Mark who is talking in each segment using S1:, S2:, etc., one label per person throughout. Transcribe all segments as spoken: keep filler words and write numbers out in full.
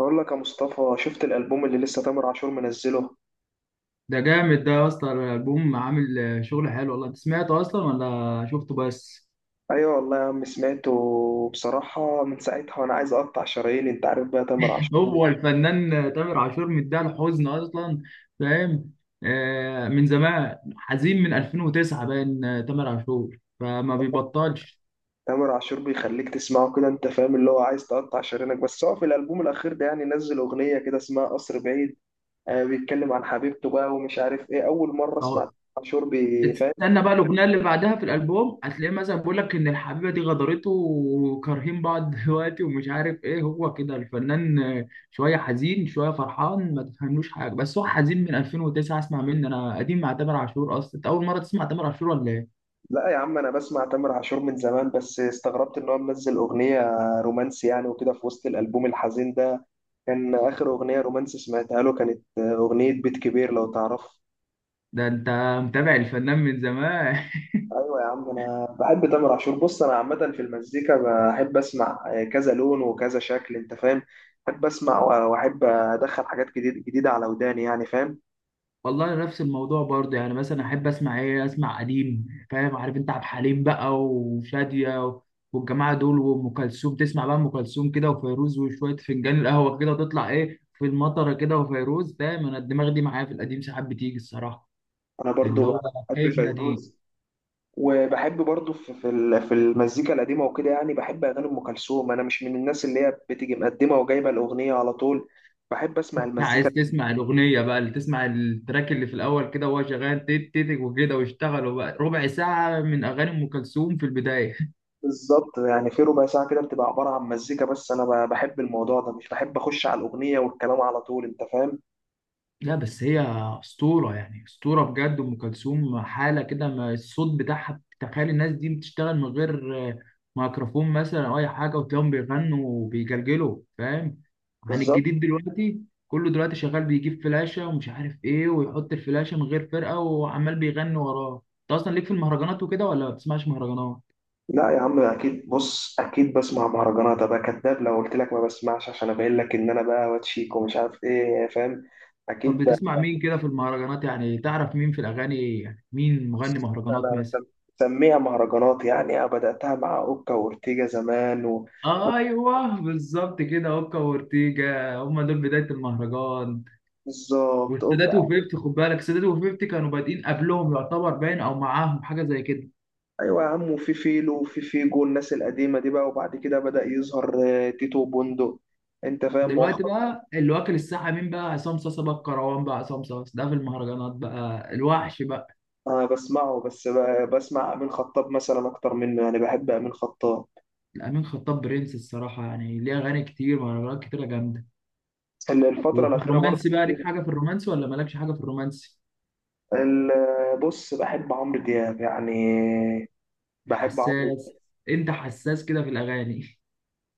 S1: بقول لك يا مصطفى، شفت الألبوم اللي لسه تامر عاشور منزله؟
S2: ده جامد ده يا اسطى، الالبوم عامل آه، شغل حلو والله. انت سمعته اصلا ولا شفته بس؟
S1: ايوه والله يا عم، سمعته بصراحة من ساعتها وانا عايز اقطع شراييني. انت عارف بقى تامر عاشور،
S2: هو الفنان آه، تامر عاشور مديها الحزن اصلا. فاهم؟ آه، من زمان حزين، من ألفين وتسعة باين، آه، تامر عاشور فما بيبطلش.
S1: تامر عاشور بيخليك تسمعه كده، انت فاهم، اللي هو عايز تقطع شرايينك. بس هو في الألبوم الأخير ده يعني نزل أغنية كده اسمها قصر بعيد. آه، بيتكلم عن حبيبته بقى ومش عارف ايه. أول مرة اسمع تامر عاشور بيفهم.
S2: تستنى بقى الاغنيه اللي بعدها في الالبوم، هتلاقيه مثلا بيقول لك ان الحبيبه دي غدرته وكارهين بعض دلوقتي ومش عارف ايه. هو كده الفنان، شويه حزين شويه فرحان، ما تفهملوش حاجه، بس هو حزين من ألفين وتسعة. اسمع مني انا، قديم مع تامر عاشور اصلا. انت اول مره تسمع تامر عاشور ولا ايه؟
S1: لا يا عم، انا بسمع تامر عاشور من زمان، بس استغربت ان هو منزل أغنية رومانسي يعني، وكده في وسط الألبوم الحزين ده. كان آخر أغنية رومانسي سمعتها له كانت آه، أغنية بيت كبير، لو تعرف.
S2: ده انت متابع الفنان من زمان.
S1: أيوة يا عم، أنا بحب تامر عاشور. بص، أنا عامة في المزيكا بحب أسمع آه، كذا لون وكذا شكل، أنت فاهم. بحب أسمع و- وأحب أدخل حاجات جديد جديدة على وداني يعني، فاهم.
S2: والله نفس الموضوع برضه، يعني مثلا احب اسمع ايه، اسمع قديم فاهم؟ عارف انت عبد الحليم بقى وشادية و- والجماعه دول، وام كلثوم. تسمع بقى ام كلثوم كده وفيروز، وشويه فنجان القهوه كده وتطلع ايه في المطره كده وفيروز، فاهم؟ انا الدماغ دي معايا، في القديم ساعات بتيجي الصراحه.
S1: أنا
S2: اللي
S1: برضو
S2: هو
S1: بحب
S2: خايف من القديم.
S1: فيروز، وبحب برضو في في ال- في المزيكا القديمة وكده يعني. بحب أغاني أم كلثوم. أنا مش من الناس اللي هي بتيجي مقدمة وجايبة الأغنية على طول، بحب أسمع
S2: عايز
S1: المزيكا.
S2: تسمع الاغنيه بقى، اللي تسمع التراك اللي في الاول كده وهو شغال تيت تيت وكده، واشتغلوا بقى ربع ساعه من اغاني ام كلثوم في البدايه.
S1: بالظبط، يعني في ربع ساعة كده بتبقى عبارة عن مزيكا بس. أنا ب- بحب الموضوع ده، مش بحب أخش على الأغنية والكلام على طول، أنت فاهم؟
S2: لا بس هي أسطورة يعني، أسطورة بجد أم كلثوم، حالة كده. ما الصوت بتاعها، تخيل الناس دي بتشتغل من غير آه، ميكروفون مثلا أو أي حاجة، وتلاقيهم بيغنوا وبيجلجلوا، فاهم؟ عن
S1: بالظبط.
S2: الجديد دلوقتي، كله دلوقتي شغال بيجيب فلاشة ومش عارف إيه، ويحط الفلاشة من غير فرقة وعمال بيغني وراه. أنت أصلا ليك في المهرجانات وكده ولا ما بتسمعش مهرجانات؟
S1: لا يا عم، أكيد. بص، أكيد بسمع مهرجانات. أبقى كداب لو قلت لك ما بسمعش، عشان أبين لك إن أنا بقى واتشيك ومش عارف إيه، فاهم؟
S2: طب
S1: أكيد بقى.
S2: بتسمع مين كده في المهرجانات؟ يعني تعرف مين في الأغاني، يعني مين مغني مهرجانات
S1: أنا
S2: مثلا؟
S1: سم- سميها مهرجانات يعني، أنا بدأتها مع أوكا وأورتيجا زمان و...
S2: ايوه، بالظبط كده، اوكا وأورتيجا هم دول بدايه المهرجان.
S1: بالظبط،
S2: والسادات
S1: أوكا.
S2: وفيفتي، خد بالك، السادات وفيفتي كانوا بادئين قبلهم يعتبر، باين او معاهم، حاجه زي كده.
S1: أيوة يا عم، وفي فيلو وفي فيجو، الناس القديمة دي بقى، وبعد كده بدأ يظهر آه، تيتو بوندو، أنت فاهم،
S2: دلوقتي
S1: مؤخرا.
S2: بقى اللي واكل الساحه مين بقى؟ عصام صاصا بقى الكروان. بقى عصام صاصا ده في المهرجانات بقى الوحش بقى.
S1: أنا بسمعه، بس ب- بسمع أمين خطاب مثلا أكتر منه يعني، بحب أمين خطاب
S2: الامين خطاب برنس الصراحه، يعني ليه اغاني كتير، مهرجانات كتيره جامده.
S1: ال- الفترة
S2: وفي
S1: الأخيرة
S2: الرومانسي
S1: برضه.
S2: بقى، ليك حاجه في الرومانسي ولا مالكش حاجه في الرومانسي؟
S1: ال- بص، بحب عمرو دياب يعني، بحب عمرو.
S2: حساس، انت حساس كده في الاغاني.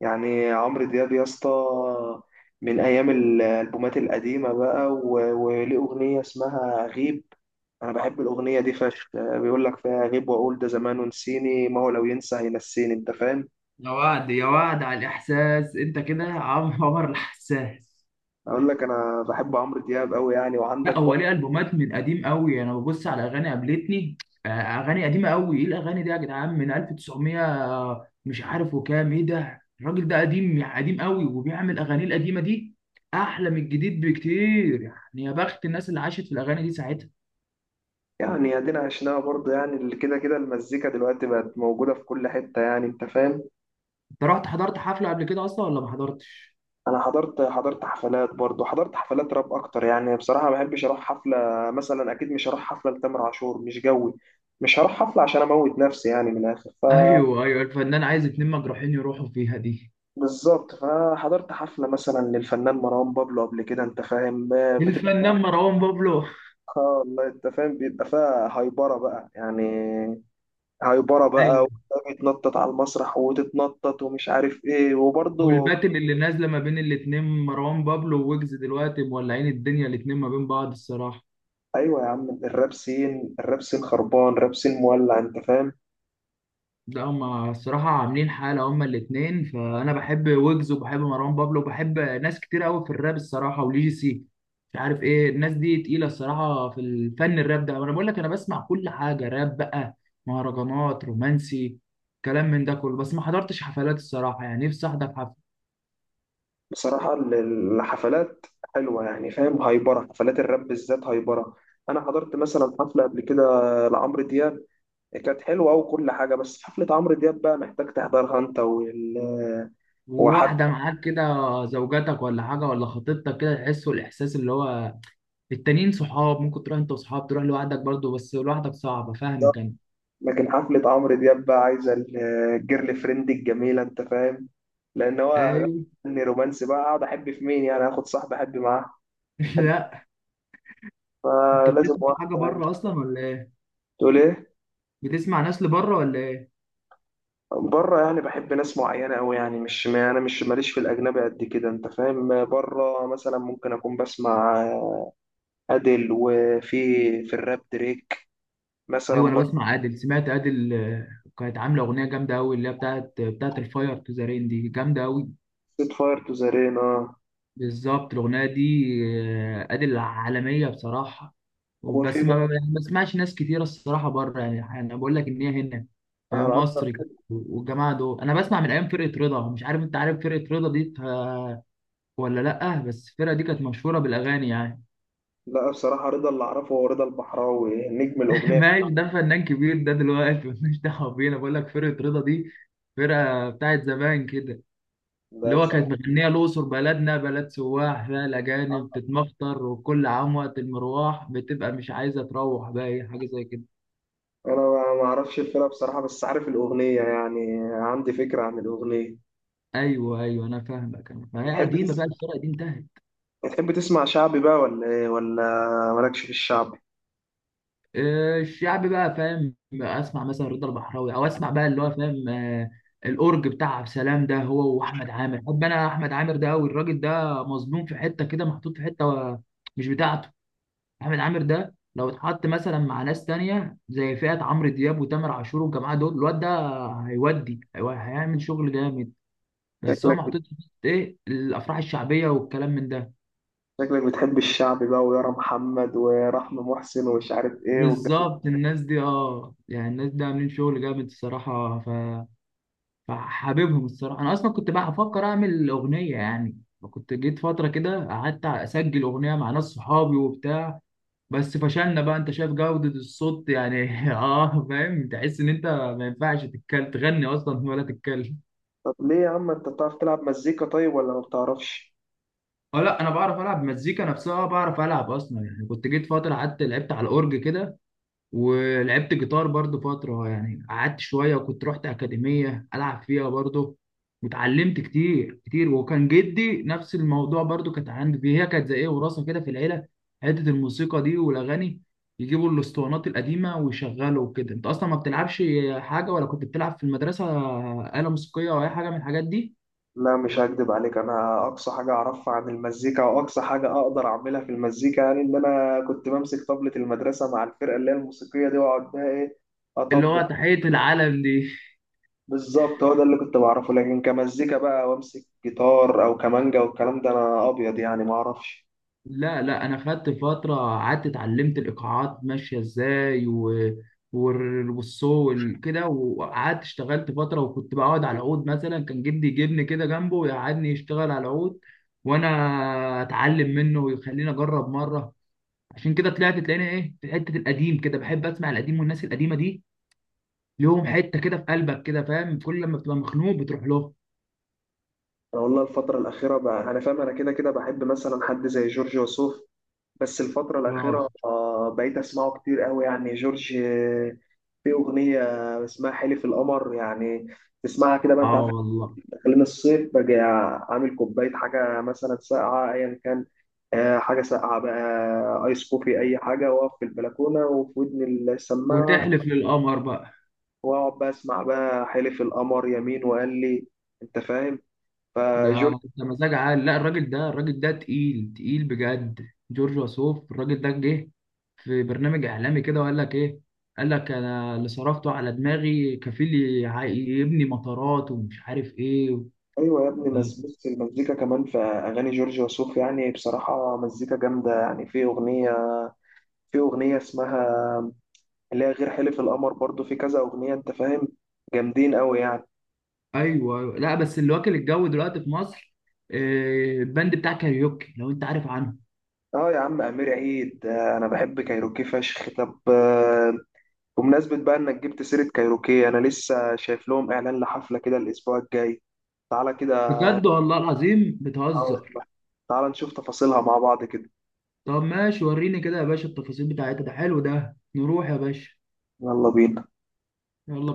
S1: يعني عمرو دياب يا اسطى، من أيام الألبومات القديمة بقى، و- وليه أغنية اسمها غيب. أنا بحب الأغنية دي فشخ، بيقول لك فيها غيب، وأقول ده زمان ونسيني، ما هو لو ينسى هينسيني، أنت فاهم؟
S2: يا وعد يا وعد على الإحساس، أنت كده عم- عمر الحساس.
S1: أقول لك، أنا بحب عمرو دياب أوي يعني. وعندك
S2: لا، هو
S1: برضه،
S2: ليه ألبومات من قديم قوي. أنا ببص على أغاني قابلتني، آه، أغاني قديمة قوي. إيه الأغاني دي يا جدعان، من ألف وتسعمية مش عارف وكام. إيه ده، الراجل ده قديم يعني، قديم قوي، وبيعمل أغاني، القديمة دي أحلى من الجديد بكتير، يعني يا بخت الناس اللي عاشت في الأغاني دي ساعتها.
S1: يعني ادينا عشناها برضه يعني، اللي كده كده المزيكا دلوقتي بقت موجودة في كل حتة يعني، انت فاهم.
S2: أنت رحت حضرت حفلة قبل كده أصلا ولا ما حضرتش؟
S1: انا حضرت حضرت حفلات برضه، حضرت حفلات راب اكتر يعني. بصراحة ما بحبش اروح حفلة. مثلا اكيد مش هروح حفلة لتامر عاشور، مش جوي. مش هروح حفلة عشان اموت نفسي يعني، من الاخر، ف
S2: أيوه أيوه، الفنان عايز اتنين مجروحين يروحوا فيها دي.
S1: بالظبط. فحضرت حفلة مثلا للفنان مروان بابلو قبل كده، انت فاهم، آه، بتبقى فيها.
S2: الفنان مروان بابلو.
S1: آه والله، انت فاهم، بيبقى فيها هايبرة بقى يعني، هيبره بقى.
S2: أيوه.
S1: وده بيتنطط على المسرح، وتتنطط ومش عارف ايه، وبرضه.
S2: والباتل اللي نازله ما بين الاتنين، مروان بابلو وويجز، دلوقتي مولعين الدنيا الاتنين ما بين بعض الصراحه.
S1: ايوه يا عم، الراب سين، الراب سين خربان، راب سين مولع، انت فاهم.
S2: ده هما الصراحه عاملين حاله هما الاتنين، فانا بحب ويجز وبحب مروان بابلو، وبحب ناس كتير قوي في الراب الصراحه، وليجيسي مش عارف ايه. الناس دي تقيله الصراحه في الفن، الراب ده. انا بقول لك، انا بسمع كل حاجه، راب بقى، مهرجانات، رومانسي، كلام من ده كله، بس ما حضرتش حفلات الصراحه، يعني نفسي احضر حفله
S1: بصراحه ال- الحفلات حلوه يعني، فاهم. هايبره. حفلات الراب بالذات هايبره. انا حضرت مثلا حفله قبل كده لعمرو دياب، كانت حلوه وكل حاجه. بس حفله عمرو دياب بقى محتاج تحضرها انت وال وحد.
S2: وواحده معاك كده، زوجتك ولا حاجه ولا خطيبتك كده، تحسوا الاحساس اللي هو. التانيين صحاب، ممكن تروح انت وصحاب، تروح لوحدك برضه، بس لوحدك صعبة، فاهمك انا.
S1: لكن حفلة عمرو دياب بقى عايزة ال- الجيرل فريند الجميلة، أنت فاهم. لأن هو
S2: ايوه.
S1: فني رومانسي بقى. أقعد أحب في مين يعني؟ آخد صاحب أحب معاه؟ أحب-
S2: لا، انت
S1: فلازم
S2: بتسمع
S1: واحد.
S2: حاجة بره اصلا ولا ايه؟
S1: تقول إيه؟
S2: بتسمع ناس لبره ولا ايه؟
S1: بره يعني بحب ناس معينة أوي يعني، مش، ما أنا مش ماليش في الأجنبي قد كده، أنت فاهم. بره مثلا ممكن أكون بسمع أديل، وفي في الراب دريك مثلا
S2: ايوه انا
S1: بره.
S2: بسمع عادل. سمعت عادل آه، كانت عاملة اغنية جامدة قوي، اللي هي بتاعت بتاعت الفاير تو ذا رين، دي جامدة قوي.
S1: سيت فاير تو ذا رين، آه.
S2: بالظبط الاغنية دي. آه، عادل عالمية بصراحة.
S1: وفي
S2: وبس ما يعني،
S1: بقى-
S2: ما بسمعش ناس كتيرة الصراحة بره، يعني انا بقول لك ان هي هنا في
S1: أنا أكتر
S2: مصر كده،
S1: واحد-
S2: والجماعة دول انا بسمع من ايام فرقة رضا. مش عارف، انت عارف فرقة رضا دي آه، ولا لأ؟ بس الفرقة دي كانت مشهورة بالأغاني يعني.
S1: لا بصراحة، رضا اللي أعرفه هو رضا البحراوي، نجم الأغنية.
S2: ماشي، ده فنان كبير ده دلوقتي، مش دعوة بينا. بقول لك فرقة رضا دي فرقة بتاعت زمان كده.
S1: ده
S2: اللي هو كانت
S1: بصراحة
S2: مغنية الأقصر، بلدنا بلد سواح، فيها الأجانب بتتمخطر، وكل عام وقت المروح بتبقى مش عايزة تروح بقى، إيه، حاجة زي كده.
S1: انا ما ما اعرفش الفرقه بصراحه، بس عارف الاغنيه يعني، عندي فكره عن الاغنيه.
S2: أيوه أيوه، أنا فاهمك، أنا فهي
S1: بتحب
S2: قديمة
S1: تس...
S2: بقى الفرقة دي، انتهت.
S1: بتحب تسمع شعبي بقى ولا ايه، ولا مالكش في الشعبي؟
S2: آه، الشعب بقى فاهم، اسمع مثلا رضا البحراوي، او اسمع بقى اللي هو فاهم، آه، الاورج بتاع عبد السلام ده، هو واحمد عامر. بحب انا احمد عامر ده قوي، الراجل ده مظلوم، في حته كده محطوط، في حته و- مش بتاعته. احمد عامر ده لو اتحط مثلا مع ناس تانية، زي فئه عمرو دياب وتامر عاشور والجماعه دول، الواد ده هيودي هيو- هيعمل شغل جامد. بس هو
S1: شكلك
S2: محطوط في حتة ايه، الافراح الشعبيه والكلام من ده.
S1: شكلك بتحب الشعبي بقى، ويارا محمد ورحمه محسن ومش عارف ايه والجو.
S2: بالظبط الناس دي، اه يعني الناس دي عاملين شغل جامد الصراحه. ف فحاببهم الصراحه. انا اصلا كنت بقى هفكر اعمل اغنيه، يعني كنت جيت فتره كده قعدت اسجل اغنيه مع ناس صحابي وبتاع، بس فشلنا بقى، انت شايف جوده الصوت يعني. اه فاهم، تحس ان انت ما ينفعش تتكلم، تغني اصلا ولا تتكلم.
S1: طب ليه يا عم، انت بتعرف تلعب مزيكا طيب ولا ما بتعرفش؟
S2: اه لا، انا بعرف العب مزيكا نفسها، بعرف العب اصلا. يعني كنت جيت فتره قعدت لعبت على الاورج كده، ولعبت جيتار برضو فترة، يعني قعدت شوية، وكنت رحت أكاديمية ألعب فيها برضو، واتعلمت كتير كتير. وكان جدي نفس الموضوع برضو، كانت عندي فيه. هي كانت زي إيه، وراثة كده في العيلة، حتة الموسيقى دي والأغاني، يجيبوا الأسطوانات القديمة ويشغلوا وكده. أنت أصلا ما بتلعبش حاجة، ولا كنت بتلعب في المدرسة آلة موسيقية أو أي حاجة من الحاجات دي؟
S1: لا مش هكدب عليك، انا اقصى حاجه اعرفها عن المزيكا او اقصى حاجه اقدر اعملها في المزيكا يعني ان انا كنت بمسك طبلة المدرسه مع الفرقه اللي هي الموسيقيه دي، واقعد بقى ايه،
S2: اللي
S1: اطبل.
S2: هو تحية العالم دي.
S1: بالظبط، هو ده اللي كنت بعرفه. لكن كمزيكا بقى وامسك جيتار او كمانجا والكلام ده، انا ابيض يعني، ما اعرفش.
S2: لا لا، انا خدت فتره قعدت اتعلمت الايقاعات ماشيه ازاي و... وال- والصو وال- كده، وقعدت اشتغلت فتره، وكنت بقعد على العود مثلا، كان جدي يجيبني كده جنبه ويقعدني، يشتغل على العود وانا اتعلم منه، ويخليني اجرب مره. عشان كده طلعت تلاقيني ايه، في حته القديم كده، بحب اسمع القديم والناس القديمه دي، ليهم حته كده في قلبك كده، فاهم؟ كل لما بتبقى مخنوق بتروح له.
S1: انا والله الفتره الاخيره بقى، انا فاهم انا كده كده بحب مثلا حد زي جورج وسوف، بس الفتره
S2: اه.
S1: الاخيره آه، بقيت اسمعه كتير قوي يعني. جورج، آه، في اغنيه اسمها حلف القمر يعني، تسمعها كده بقى. انت
S2: اه
S1: عارف إحنا
S2: والله.
S1: داخلين الصيف، باجي عامل كوبايه حاجه مثلا ساقعه، ايا كان، آه، حاجه ساقعه بقى، آه، ايس كوفي، اي حاجه، واقف في البلكونه وفي ودني السماعه،
S2: وتحلف للقمر بقى.
S1: واقعد بقى اسمع بقى حلف القمر يمين وقال لي، انت فاهم. فجورج.
S2: ده ده مزاج عالي. لا، الراجل ده، الراجل ده تقيل تقيل بجد، جورج وسوف. الراجل ده جه في برنامج اعلامي كده، وقال لك ايه؟ قال لك انا اللي صرفته على دماغي كفيل يع- يبني مطارات ومش عارف ايه.
S1: ايوه يا ابني، بس بص، المزيكا كمان في اغاني جورج وسوف يعني بصراحه مزيكا جامده يعني. في اغنيه في اغنيه اسمها، اللي هي غير حلف القمر، برضو في كذا اغنيه، انت فاهم، جامدين قوي يعني.
S2: ايوه. أيوة. لا بس اللي واكل الجو دلوقتي في مصر، آه، البند بتاع كاريوكي، لو انت عارف عنه.
S1: اه يا عم، امير عيد، آه، انا بحب كايروكي فشخ. طب، آه، بمناسبه بقى انك جبت سيره كايروكي، انا لسه شايف لهم اعلان لحفله كده الاسبوع الجاي، تعالى كده.
S2: بجد، والله العظيم
S1: اه
S2: بتهزر.
S1: والله. تعال نشوف تفاصيلها مع بعض كده.
S2: طب ماشي، وريني كده يا باشا التفاصيل بتاعتها، ده حلو ده، نروح يا باشا.
S1: يلا بينا.
S2: يلا.